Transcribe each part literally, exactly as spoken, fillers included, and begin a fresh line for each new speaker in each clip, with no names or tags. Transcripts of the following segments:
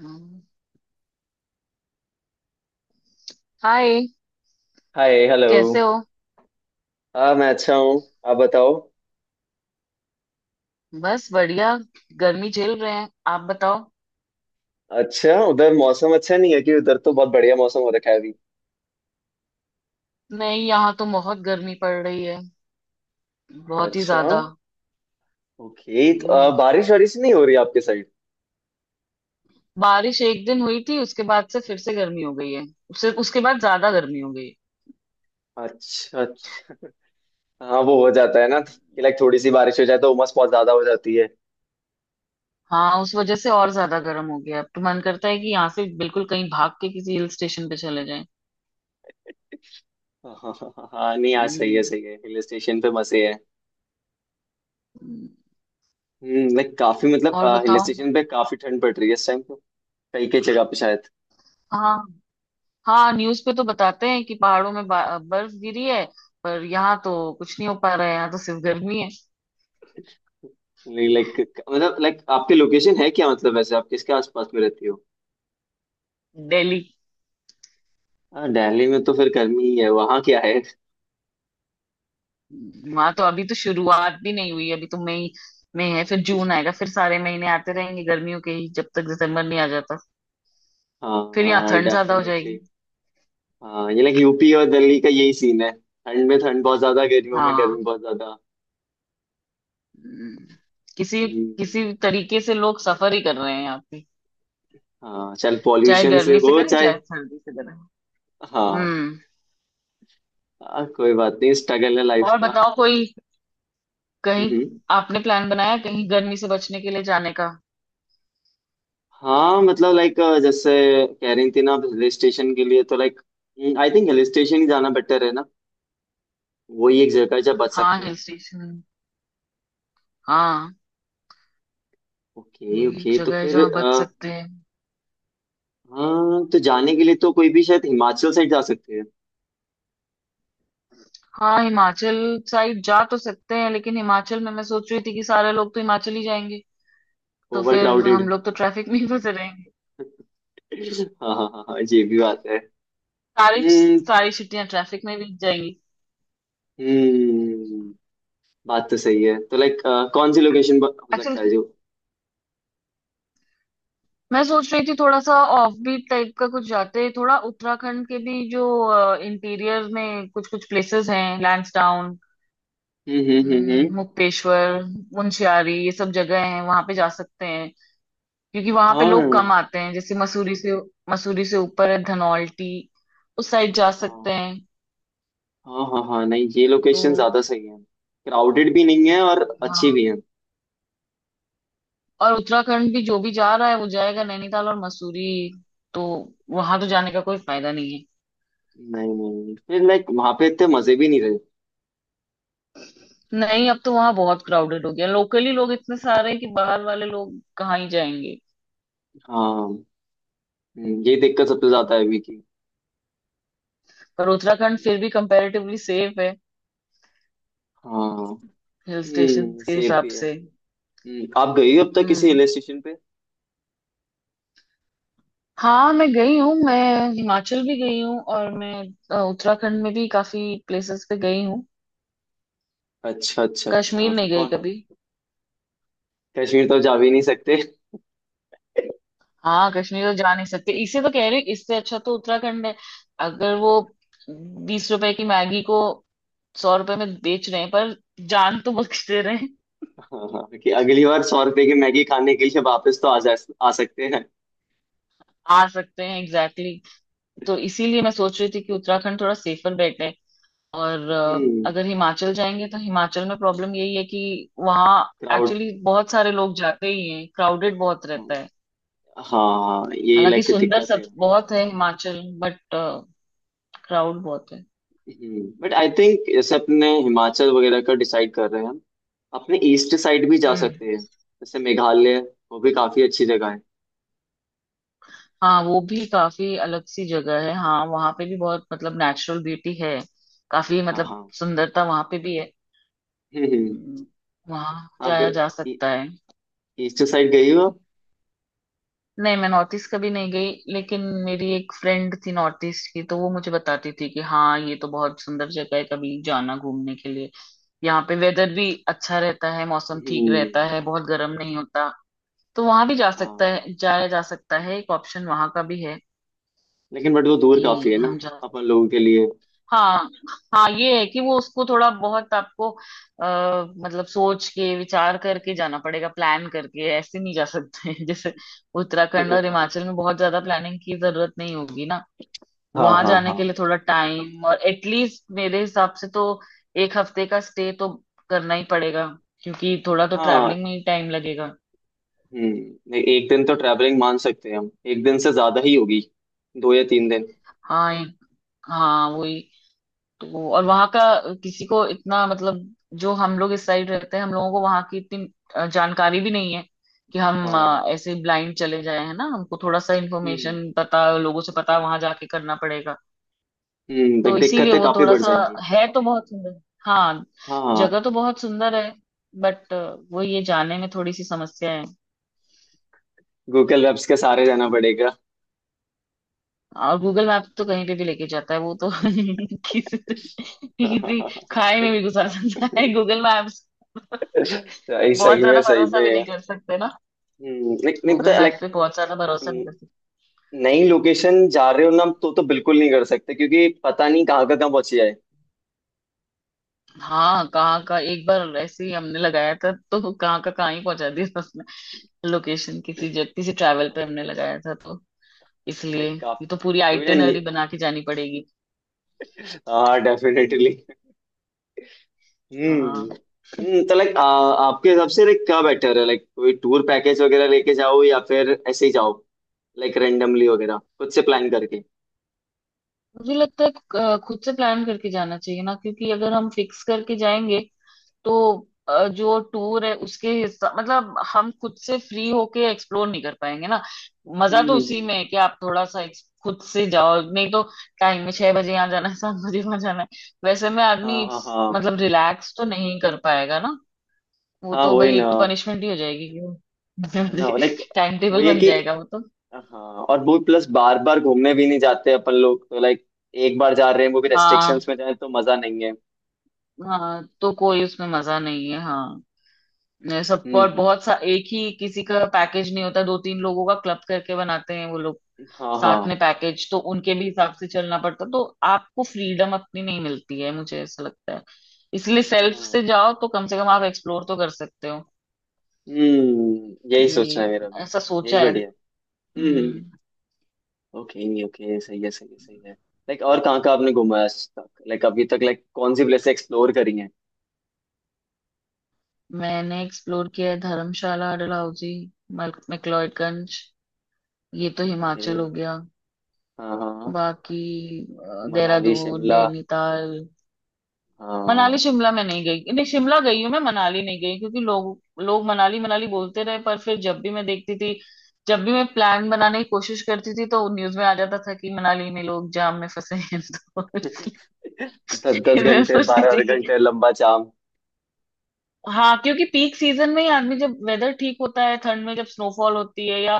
हम्म, hi.
Hi hello.
कैसे हो?
हाँ, मैं अच्छा हूँ। आप बताओ।
बस बढ़िया। गर्मी झेल रहे हैं, आप बताओ।
अच्छा, उधर मौसम अच्छा नहीं है कि उधर तो बहुत बढ़िया मौसम हो रखा है अभी।
नहीं, यहाँ तो बहुत गर्मी पड़ रही है, बहुत ही
अच्छा।
ज्यादा।
ओके, तो अ,
हम्म,
बारिश वारिश नहीं हो रही आपके साइड?
बारिश एक दिन हुई थी, उसके बाद से फिर से गर्मी हो गई है। उससे उसके बाद ज्यादा गर्मी हो गई।
अच्छा, अच्छा। हाँ, वो हो जाता है ना कि लाइक थोड़ी सी बारिश हो जाए तो उमस बहुत ज्यादा हो जाती है।
हाँ, उस वजह से और ज्यादा गर्म हो गया। अब तो मन करता है कि यहाँ से बिल्कुल कहीं भाग के किसी हिल स्टेशन पे चले जाएं।
हाँ, हाँ, हाँ, हाँ, नहीं आज सही है,
हम्म,
सही है, हिल स्टेशन पे मजे है।
हम्म,
हम्म लाइक काफी मतलब।
और
हिल
बताओ।
स्टेशन पे काफी ठंड पड़ रही है इस टाइम तो। कई कई जगह पे शायद।
हाँ, हाँ न्यूज पे तो बताते हैं कि पहाड़ों में बा- बर्फ गिरी है, पर यहाँ तो कुछ नहीं हो पा रहा है, यहाँ तो सिर्फ गर्मी है।
लाइक। मतलब लाइक आपकी लोकेशन है क्या? मतलब वैसे आप किसके आसपास में रहती हो?
दिल्ली।
हाँ, दिल्ली में तो फिर गर्मी ही है, वहाँ क्या है।
वहां तो अभी तो शुरुआत भी नहीं हुई, अभी तो मई में है, फिर जून आएगा, फिर सारे महीने आते रहेंगे गर्मियों के ही, जब तक दिसंबर नहीं आ जाता। फिर यहाँ
हाँ,
ठंड ज्यादा हो
डेफिनेटली।
जाएगी।
हाँ, ये लाइक यूपी और दिल्ली का यही सीन है। ठंड में ठंड बहुत ज्यादा, गर्मियों में गर्मी
हाँ।
बहुत ज्यादा।
हम्म, किसी
हम्म।
किसी तरीके से लोग सफर ही कर रहे हैं यहाँ पे।
हाँ, चल
चाहे
पॉल्यूशन से
गर्मी से
हो
करें
चाहे।
चाहे सर्दी से करें।
हाँ,
हम्म।
हाँ, कोई बात नहीं, स्ट्रगल है लाइफ
और
का।
बताओ, कोई कहीं
हम्म।
आपने प्लान बनाया कहीं गर्मी से बचने के लिए जाने का?
हाँ, मतलब लाइक। जैसे। कह रही थी ना। हिल स्टेशन के लिए तो like. I think hill station ही जाना बेटर है ना। वही एक जगह है जहाँ बच
हाँ,
सकते हैं।
Hill station. हाँ,
ओके,
वही एक
ओके, तो
जगह है
फिर
जहाँ बच
अ,
सकते हैं।
हाँ, तो जाने के लिए तो कोई भी शायद हिमाचल साइड जा सकते हैं।
हाँ, हिमाचल साइड जा तो सकते हैं, लेकिन हिमाचल में मैं सोच रही थी कि सारे लोग तो हिमाचल ही जाएंगे, तो
ओवर
फिर
क्राउडेड।
हम लोग तो ट्रैफिक में ही फंसे रहेंगे।
हाँ, हाँ, हाँ, हाँ, ये भी बात है।
सारी
हम्म,
सारी छुट्टियां ट्रैफिक में बीत जाएंगी।
हम्म। बात तो सही है, तो लाइक। कौन सी लोकेशन हो सकता है
एक्चुअली
जो।
मैं सोच रही थी, थोड़ा सा ऑफ बीट टाइप का कुछ जाते, थोड़ा उत्तराखंड के भी जो इंटीरियर में कुछ कुछ प्लेसेस हैं, लैंसडाउन,
हम्म, हम्म, हम्म, हम्म।
मुक्तेश्वर, मुंशियारी, ये सब जगह हैं, वहां पे जा सकते हैं। क्योंकि वहां पे
हाँ,
लोग कम आते हैं। जैसे मसूरी से मसूरी से ऊपर है धनौल्टी, उस साइड जा सकते
हाँ,
हैं।
हाँ, हाँ, हाँ, नहीं, ये
तो
लोकेशन ज्यादा सही है। क्राउडेड भी नहीं है और अच्छी
हाँ,
भी है।
और उत्तराखंड भी जो भी जा रहा है वो जाएगा नैनीताल और मसूरी, तो वहां तो जाने का कोई फायदा नहीं है।
नहीं, नहीं, फिर लाइक वहां पे इतने मजे भी नहीं रहे।
नहीं, अब तो वहां बहुत क्राउडेड हो गया, लोकली लोग इतने सारे हैं कि बाहर वाले लोग कहाँ ही जाएंगे।
हाँ। हम्म, ये दिक्कत सबसे ज्यादा है अभी की।
पर उत्तराखंड फिर भी कंपैरेटिवली सेफ है,
हाँ।
हिल स्टेशन
हम्म
के
सेफ
हिसाब
भी है।
से।
हम्म, आप गई हो अब तक किसी
हम्म।
हिल स्टेशन पे?
हाँ मैं गई हूँ, मैं हिमाचल भी गई हूँ और मैं अ, उत्तराखंड में भी काफी प्लेसेस पे गई हूँ।
अच्छा, अच्छा, अच्छा,
कश्मीर
मतलब
नहीं गई
कौन।
कभी।
कश्मीर तो जा भी नहीं सकते
हाँ कश्मीर तो जा नहीं सकते, इसे तो कह रही हूँ इससे अच्छा तो उत्तराखंड है। अगर वो बीस रुपए की मैगी को सौ रुपए में बेच रहे हैं, पर जान तो बख्श दे रहे हैं।
हाँ, कि अगली बार सौ रुपए की मैगी खाने के लिए वापस तो आ जा। आ सकते हैं।
आ सकते हैं, एग्जैक्टली exactly. तो इसीलिए मैं सोच रही थी कि उत्तराखंड थोड़ा सेफर बेट। और अ,
हम्म।
अगर हिमाचल जाएंगे तो हिमाचल में प्रॉब्लम यही है कि वहाँ
क्राउड।
एक्चुअली बहुत सारे लोग जाते ही हैं, क्राउडेड बहुत रहता है।
हाँ, यही
हालांकि
लाइक
सुंदर
दिक्कत
सब
है।
बहुत है हिमाचल, बट क्राउड बहुत है।
बट आई थिंक जैसे अपने हिमाचल वगैरह का डिसाइड कर रहे हैं हम। अपने ईस्ट साइड भी जा
हम्म।
सकते हैं, जैसे मेघालय। वो भी काफी अच्छी जगह है।
हाँ, वो भी काफी अलग सी जगह है। हाँ वहाँ पे भी बहुत, मतलब नेचुरल ब्यूटी है, काफी,
हाँ,
मतलब
हाँ।
सुंदरता वहाँ पे भी है।
हम्म
हम्म, वहाँ
आप
जाया जा सकता है।
ईस्ट साइड गई हो?
नहीं, मैं नॉर्थ ईस्ट कभी नहीं गई, लेकिन मेरी एक फ्रेंड थी नॉर्थ ईस्ट की, तो वो मुझे बताती थी कि हाँ ये तो बहुत सुंदर जगह है, कभी जाना घूमने के लिए। यहाँ पे वेदर भी अच्छा रहता है, मौसम ठीक
हम्म,
रहता है, बहुत गर्म नहीं होता। तो वहां भी जा सकता
हाँ।
है, जाया जा सकता है, एक ऑप्शन वहां का भी है।
लेकिन बट वो दूर
कि
काफी है ना।
हम जा
अपन लोगों के लिए।
हाँ हाँ, ये है कि वो उसको थोड़ा बहुत आपको आ, मतलब सोच के विचार करके जाना पड़ेगा, प्लान करके। ऐसे नहीं जा सकते जैसे उत्तराखंड और हिमाचल में बहुत ज्यादा प्लानिंग की जरूरत नहीं होगी ना।
हाँ,
वहां
हाँ,
जाने
हाँ,
के लिए थोड़ा टाइम, और एटलीस्ट मेरे हिसाब से तो एक हफ्ते का स्टे तो करना ही पड़ेगा, क्योंकि थोड़ा तो
हाँ।
ट्रैवलिंग में ही टाइम लगेगा।
हम्म। ए- एक दिन तो ट्रैवलिंग मान सकते हैं, हम एक दिन से ज्यादा ही होगी। दो या तीन दिन।
हाँ एक- हाँ वही। तो और वहां का किसी को इतना, मतलब जो हम लोग इस साइड रहते हैं, हम लोगों को वहां की इतनी अ, जानकारी भी नहीं है कि हम अ,
हाँ।
ऐसे ब्लाइंड चले जाए। है ना, हमको थोड़ा सा
हम्म।
इन्फॉर्मेशन पता लोगों से पता वहां जाके करना पड़ेगा।
हम्म
तो
देख
इसीलिए
दिक्कतें
वो
काफी
थोड़ा
बढ़
सा,
जाएंगी।
है तो बहुत सुंदर, हाँ
हाँ,
जगह तो बहुत सुंदर है, बट वो ये जाने में थोड़ी सी समस्या है।
गूगल मैप्स के सहारे रहना पड़ेगा।
और गूगल मैप तो कहीं पे भी लेके जाता है वो तो किसी किसी खाई में भी घुसा सकता है गूगल मैप्स।
सही,
बहुत
सही में,
ज्यादा
सही
भरोसा भी
में।
नहीं कर सकते ना,
हम्म, नहीं, नहीं
गूगल
पता
मैप
लाइक।
पे बहुत ज्यादा भरोसा नहीं कर सकते।
नई लोकेशन जा रहे हो ना तो तो बिल्कुल नहीं कर सकते क्योंकि पता नहीं कहाँ का कहाँ पहुंच जाए।
हाँ कहाँ का, एक बार ऐसे ही हमने लगाया था तो कहाँ का कहाँ ही पहुंचा दिया उसने। लोकेशन किसी जगह, किसी ट्रैवल पे हमने लगाया था तो। इसलिए
लाइक आप।
ये तो पूरी
हुई ना।
आइटिनरी बना के जानी पड़ेगी।
हाँ,
हम्म,
डेफिनेटली। हम्म।
हाँ
हम्म, तो लाइक आपके हिसाब से लाइक क्या बेटर है? लाइक कोई टूर पैकेज वगैरह लेके जाओ या फिर ऐसे ही जाओ? लाइक रेंडमली वगैरह खुद से प्लान करके।
मुझे लगता है अ, खुद से प्लान करके जाना चाहिए ना, क्योंकि अगर हम फिक्स करके जाएंगे तो अ, जो टूर है उसके हिस्सा, मतलब हम खुद से फ्री होके एक्सप्लोर नहीं कर पाएंगे ना। मजा
हम्म,
तो
हम्म,
उसी
हम्म।
में है कि आप थोड़ा सा ex- खुद से जाओ, नहीं तो टाइम में छह बजे यहाँ जाना है, सात बजे वहां जाना है, वैसे में आदमी
हाँ, हाँ,
इस-
हाँ,
मतलब रिलैक्स तो नहीं कर पाएगा ना। वो
हाँ,
तो
वही
भाई
ना।
एक तो पनिशमेंट ही हो जाएगी कि
ना लाइक।
टाइम टेबल
वही है
बन
कि।
जाएगा वो तो।
हाँ। और वो प्लस बार बार घूमने भी नहीं जाते अपन लोग तो लाइक। एक बार जा रहे हैं, वो भी
हाँ
रेस्ट्रिक्शंस में जाए तो मजा नहीं है।
हाँ तो कोई उसमें मजा नहीं है, हाँ। ये सब
हम्म,
और
हम्म।
बहुत सा एक ही किसी का पैकेज नहीं होता, दो तीन लोगों का क्लब करके बनाते हैं वो लोग।
हाँ,
साथ
हाँ,
में पैकेज तो उनके भी हिसाब से चलना पड़ता, तो आपको फ्रीडम अपनी नहीं मिलती है, मुझे ऐसा लगता है। इसलिए सेल्फ से
हाँ।
जाओ तो कम से कम आप एक्सप्लोर तो कर सकते हो।
हम्म यही
ये
सोचना है मेरा भी।
ऐसा
यही
सोचा है।
बढ़िया है। हम्म।
हम्म।
ओके, ओके, सही है, सही है, सही है। लाइक और कहाँ कहाँ आपने घूमा है आज तक? लाइक अभी तक लाइक कौन सी प्लेस एक्सप्लोर करी हैं?
मैंने एक्सप्लोर किया है धर्मशाला, डलहौजी, मल- मैक्लोडगंज, ये तो
ओके।
हिमाचल हो गया।
हाँ, हाँ।
बाकी अ,
मनाली
देहरादून,
शिमला।
नैनीताल। मनाली
हाँ।
शिमला में नहीं गई, नहीं शिमला गई हूँ मैं, मनाली नहीं गई, क्योंकि लोग लोग मनाली मनाली बोलते रहे, पर फिर जब भी मैं देखती थी, जब भी मैं प्लान बनाने की कोशिश करती थी तो न्यूज में आ जाता था कि मनाली में लोग जाम में फंसे हैं तो
दस दस
इसलिए मैं
घंटे
सोचती
बारह
थी
बारह
कि
घंटे लंबा जाम।
हाँ। क्योंकि पीक सीजन में ही आदमी, जब वेदर ठीक होता है ठंड में, जब स्नोफॉल होती है या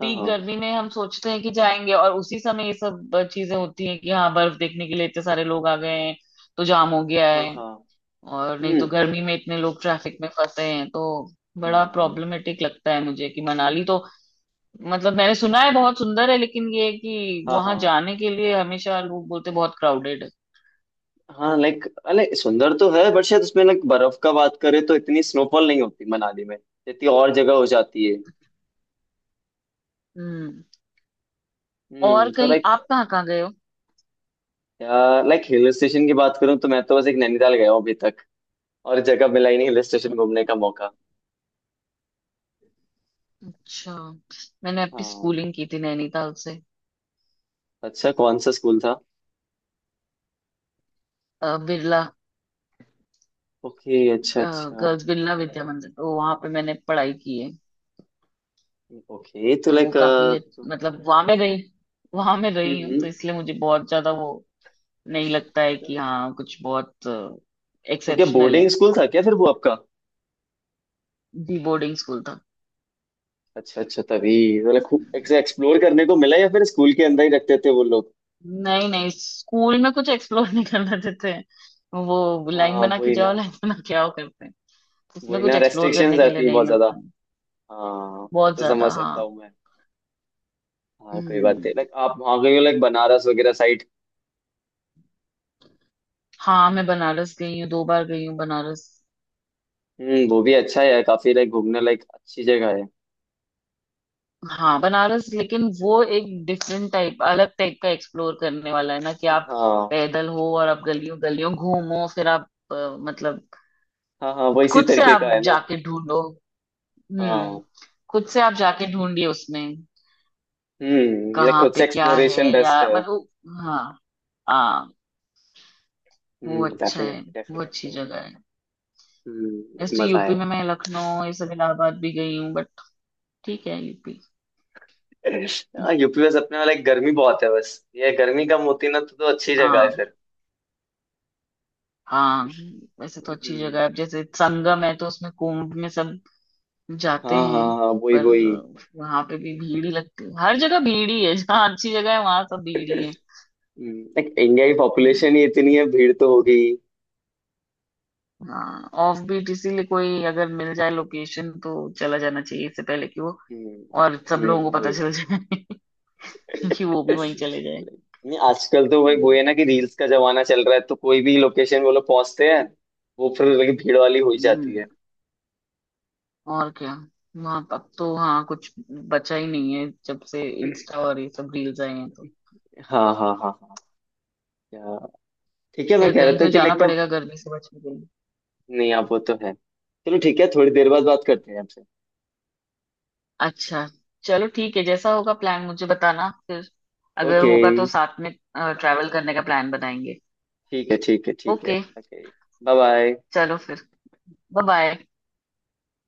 हाँ, हाँ,
गर्मी में, हम सोचते हैं कि जाएंगे, और उसी समय ये सब अ, चीजें होती हैं कि हाँ बर्फ देखने के लिए इतने सारे लोग आ गए हैं तो जाम हो गया
हाँ,
है।
हाँ।
और नहीं तो
हम्म,
गर्मी में इतने लोग ट्रैफिक में फंसे हैं, तो बड़ा
हम्म,
प्रॉब्लमेटिक लगता है मुझे कि मनाली
हम्म,
तो, मतलब मैंने सुना है बहुत सुंदर है, लेकिन ये है कि
हाँ, हाँ,
वहां जाने के लिए हमेशा लोग बोलते बहुत क्राउडेड है।
हाँ, लाइक अरे सुंदर तो है बट शायद उसमें लाइक बर्फ का बात करें तो इतनी स्नोफॉल नहीं होती मनाली में। जितनी और जगह हो जाती है।
हम्म। और
हम्म तो
कहीं
लाइक।
आप कहाँ कहाँ गए हो?
लाइक हिल स्टेशन की बात करूँ तो मैं तो बस एक नैनीताल गया हूँ अभी तक। और जगह मिला ही नहीं हिल स्टेशन घूमने का मौका।
अच्छा, मैंने अपनी
हाँ।
स्कूलिंग की थी नैनीताल से।
अच्छा, कौन सा स्कूल था?
अ, बिरला,
ओके, अच्छा, अच्छा।
गर्ल्स बिरला विद्या मंदिर, तो वहां पे मैंने पढ़ाई की है।
ओके, तो
तो वो
लाइक
काफी अच्छ-
हम्म।
मतलब वहां में रही, वहां में रही हूँ,
हम्म।
तो इसलिए मुझे बहुत ज्यादा वो नहीं लगता है कि हाँ कुछ बहुत
तो क्या
एक्सेप्शनल
बोर्डिंग
है।
स्कूल था क्या फिर वो आपका?
डी बोर्डिंग स्कूल था।
अच्छा, अच्छा, तभी। मतलब खूब एक्सप्लोर करने को मिला या फिर स्कूल के अंदर ही रखते थे वो लोग?
नहीं नहीं, स्कूल में कुछ एक्सप्लोर नहीं करना देते हैं। वो लाइन
हाँ,
बना के
वही
जाओ,
ना।
लाइन बना के आओ करते हैं। उसमें
वही
कुछ
ना,
एक्सप्लोर करने
रेस्ट्रिक्शंस
के लिए
आती है
नहीं
बहुत ज्यादा।
मिलता है।
हाँ, वो
बहुत
तो
ज्यादा,
समझ सकता
हाँ।
हूँ मैं। हाँ, कोई बात
हम्म।
नहीं, लाइक आप वहाँ गए हो लाइक बनारस वगैरह साइड?
हाँ मैं बनारस गई हूँ, दो बार गई हूँ बनारस।
हम्म वो भी अच्छा है, काफी लाइक घूमने लाइक अच्छी जगह है।
हाँ बनारस, लेकिन वो एक डिफरेंट टाइप, अलग टाइप का एक्सप्लोर करने वाला है ना, कि आप
हाँ,
पैदल हो और आप गलियों गलियों घूमो, फिर आप अ, मतलब
हाँ, हाँ, वो इसी
खुद से
तरीके का
आप
है ना।
जाके ढूंढो। हम्म,
हाँ।
खुद से आप जाके ढूंढिए, उसमें
हम्म ये
कहाँ
खुद
पे
से
क्या है,
एक्सप्लोरेशन बेस्ट
या
है।
मतलब। हाँ, हाँ। वो
हम्म,
अच्छा है,
डेफिनेटली,
वो अच्छी
डेफिनेटली।
जगह है।
हम्म एक
वैसे तो
मजा
यूपी
है।
में मैं लखनऊ, ये सब, इलाहाबाद भी गई हूँ, बट ठीक है यूपी।
हाँ, यूपी बस अपने वाला एक गर्मी बहुत है, बस ये गर्मी कम होती ना तो तो अच्छी जगह है
हाँ,
फिर।
हाँ, वैसे तो अच्छी जगह है।
हम्म।
अब जैसे संगम है तो उसमें कुंभ में सब जाते
हाँ, हाँ,
हैं,
हाँ, वही,
पर
वही।
वहां पे भी भीड़ ही लगती है, हर जगह भीड़ ही है, जहाँ अच्छी जगह है वहां सब भीड़ ही है।
हम्म, एक इंडिया की
हम्म।
पॉपुलेशन ही इतनी है, भीड़ तो होगी ही।
हाँ, ऑफ बीट इसीलिए कोई अगर मिल जाए लोकेशन तो चला जाना चाहिए, इससे पहले कि वो
हम्म।
और सब लोगों
हम्म,
को पता
वही।
चल जाए कि वो भी वहीं चले जाए।
नहीं, आजकल तो भाई वो है ना कि रील्स का जमाना चल रहा है तो कोई भी लोकेशन वो लोग पहुंचते हैं। वो फिर लगी भीड़ वाली हो ही जाती
हम्म,
है।
और क्या। वहां अब तो, हाँ कुछ बचा ही नहीं है, जब से इंस्टा और ये सब रील्स आए हैं तो।
हाँ, हाँ, हाँ, हाँ। क्या। ठीक है, मैं
खैर,
कह रहा
कहीं
था
तो
कि
जाना
लाइक अब।
पड़ेगा गर्मी से बचने के लिए।
नहीं, आप वो तो है, चलो ठीक है थोड़ी देर बाद बात करते हैं आपसे।
अच्छा, चलो ठीक है, जैसा होगा प्लान मुझे बताना फिर। अगर
ओके।
होगा तो साथ में ट्रैवल करने का प्लान बनाएंगे।
ठीक है, ठीक है, ठीक है,
ओके,
ओके। Bye, bye.
चलो फिर। Bye bye.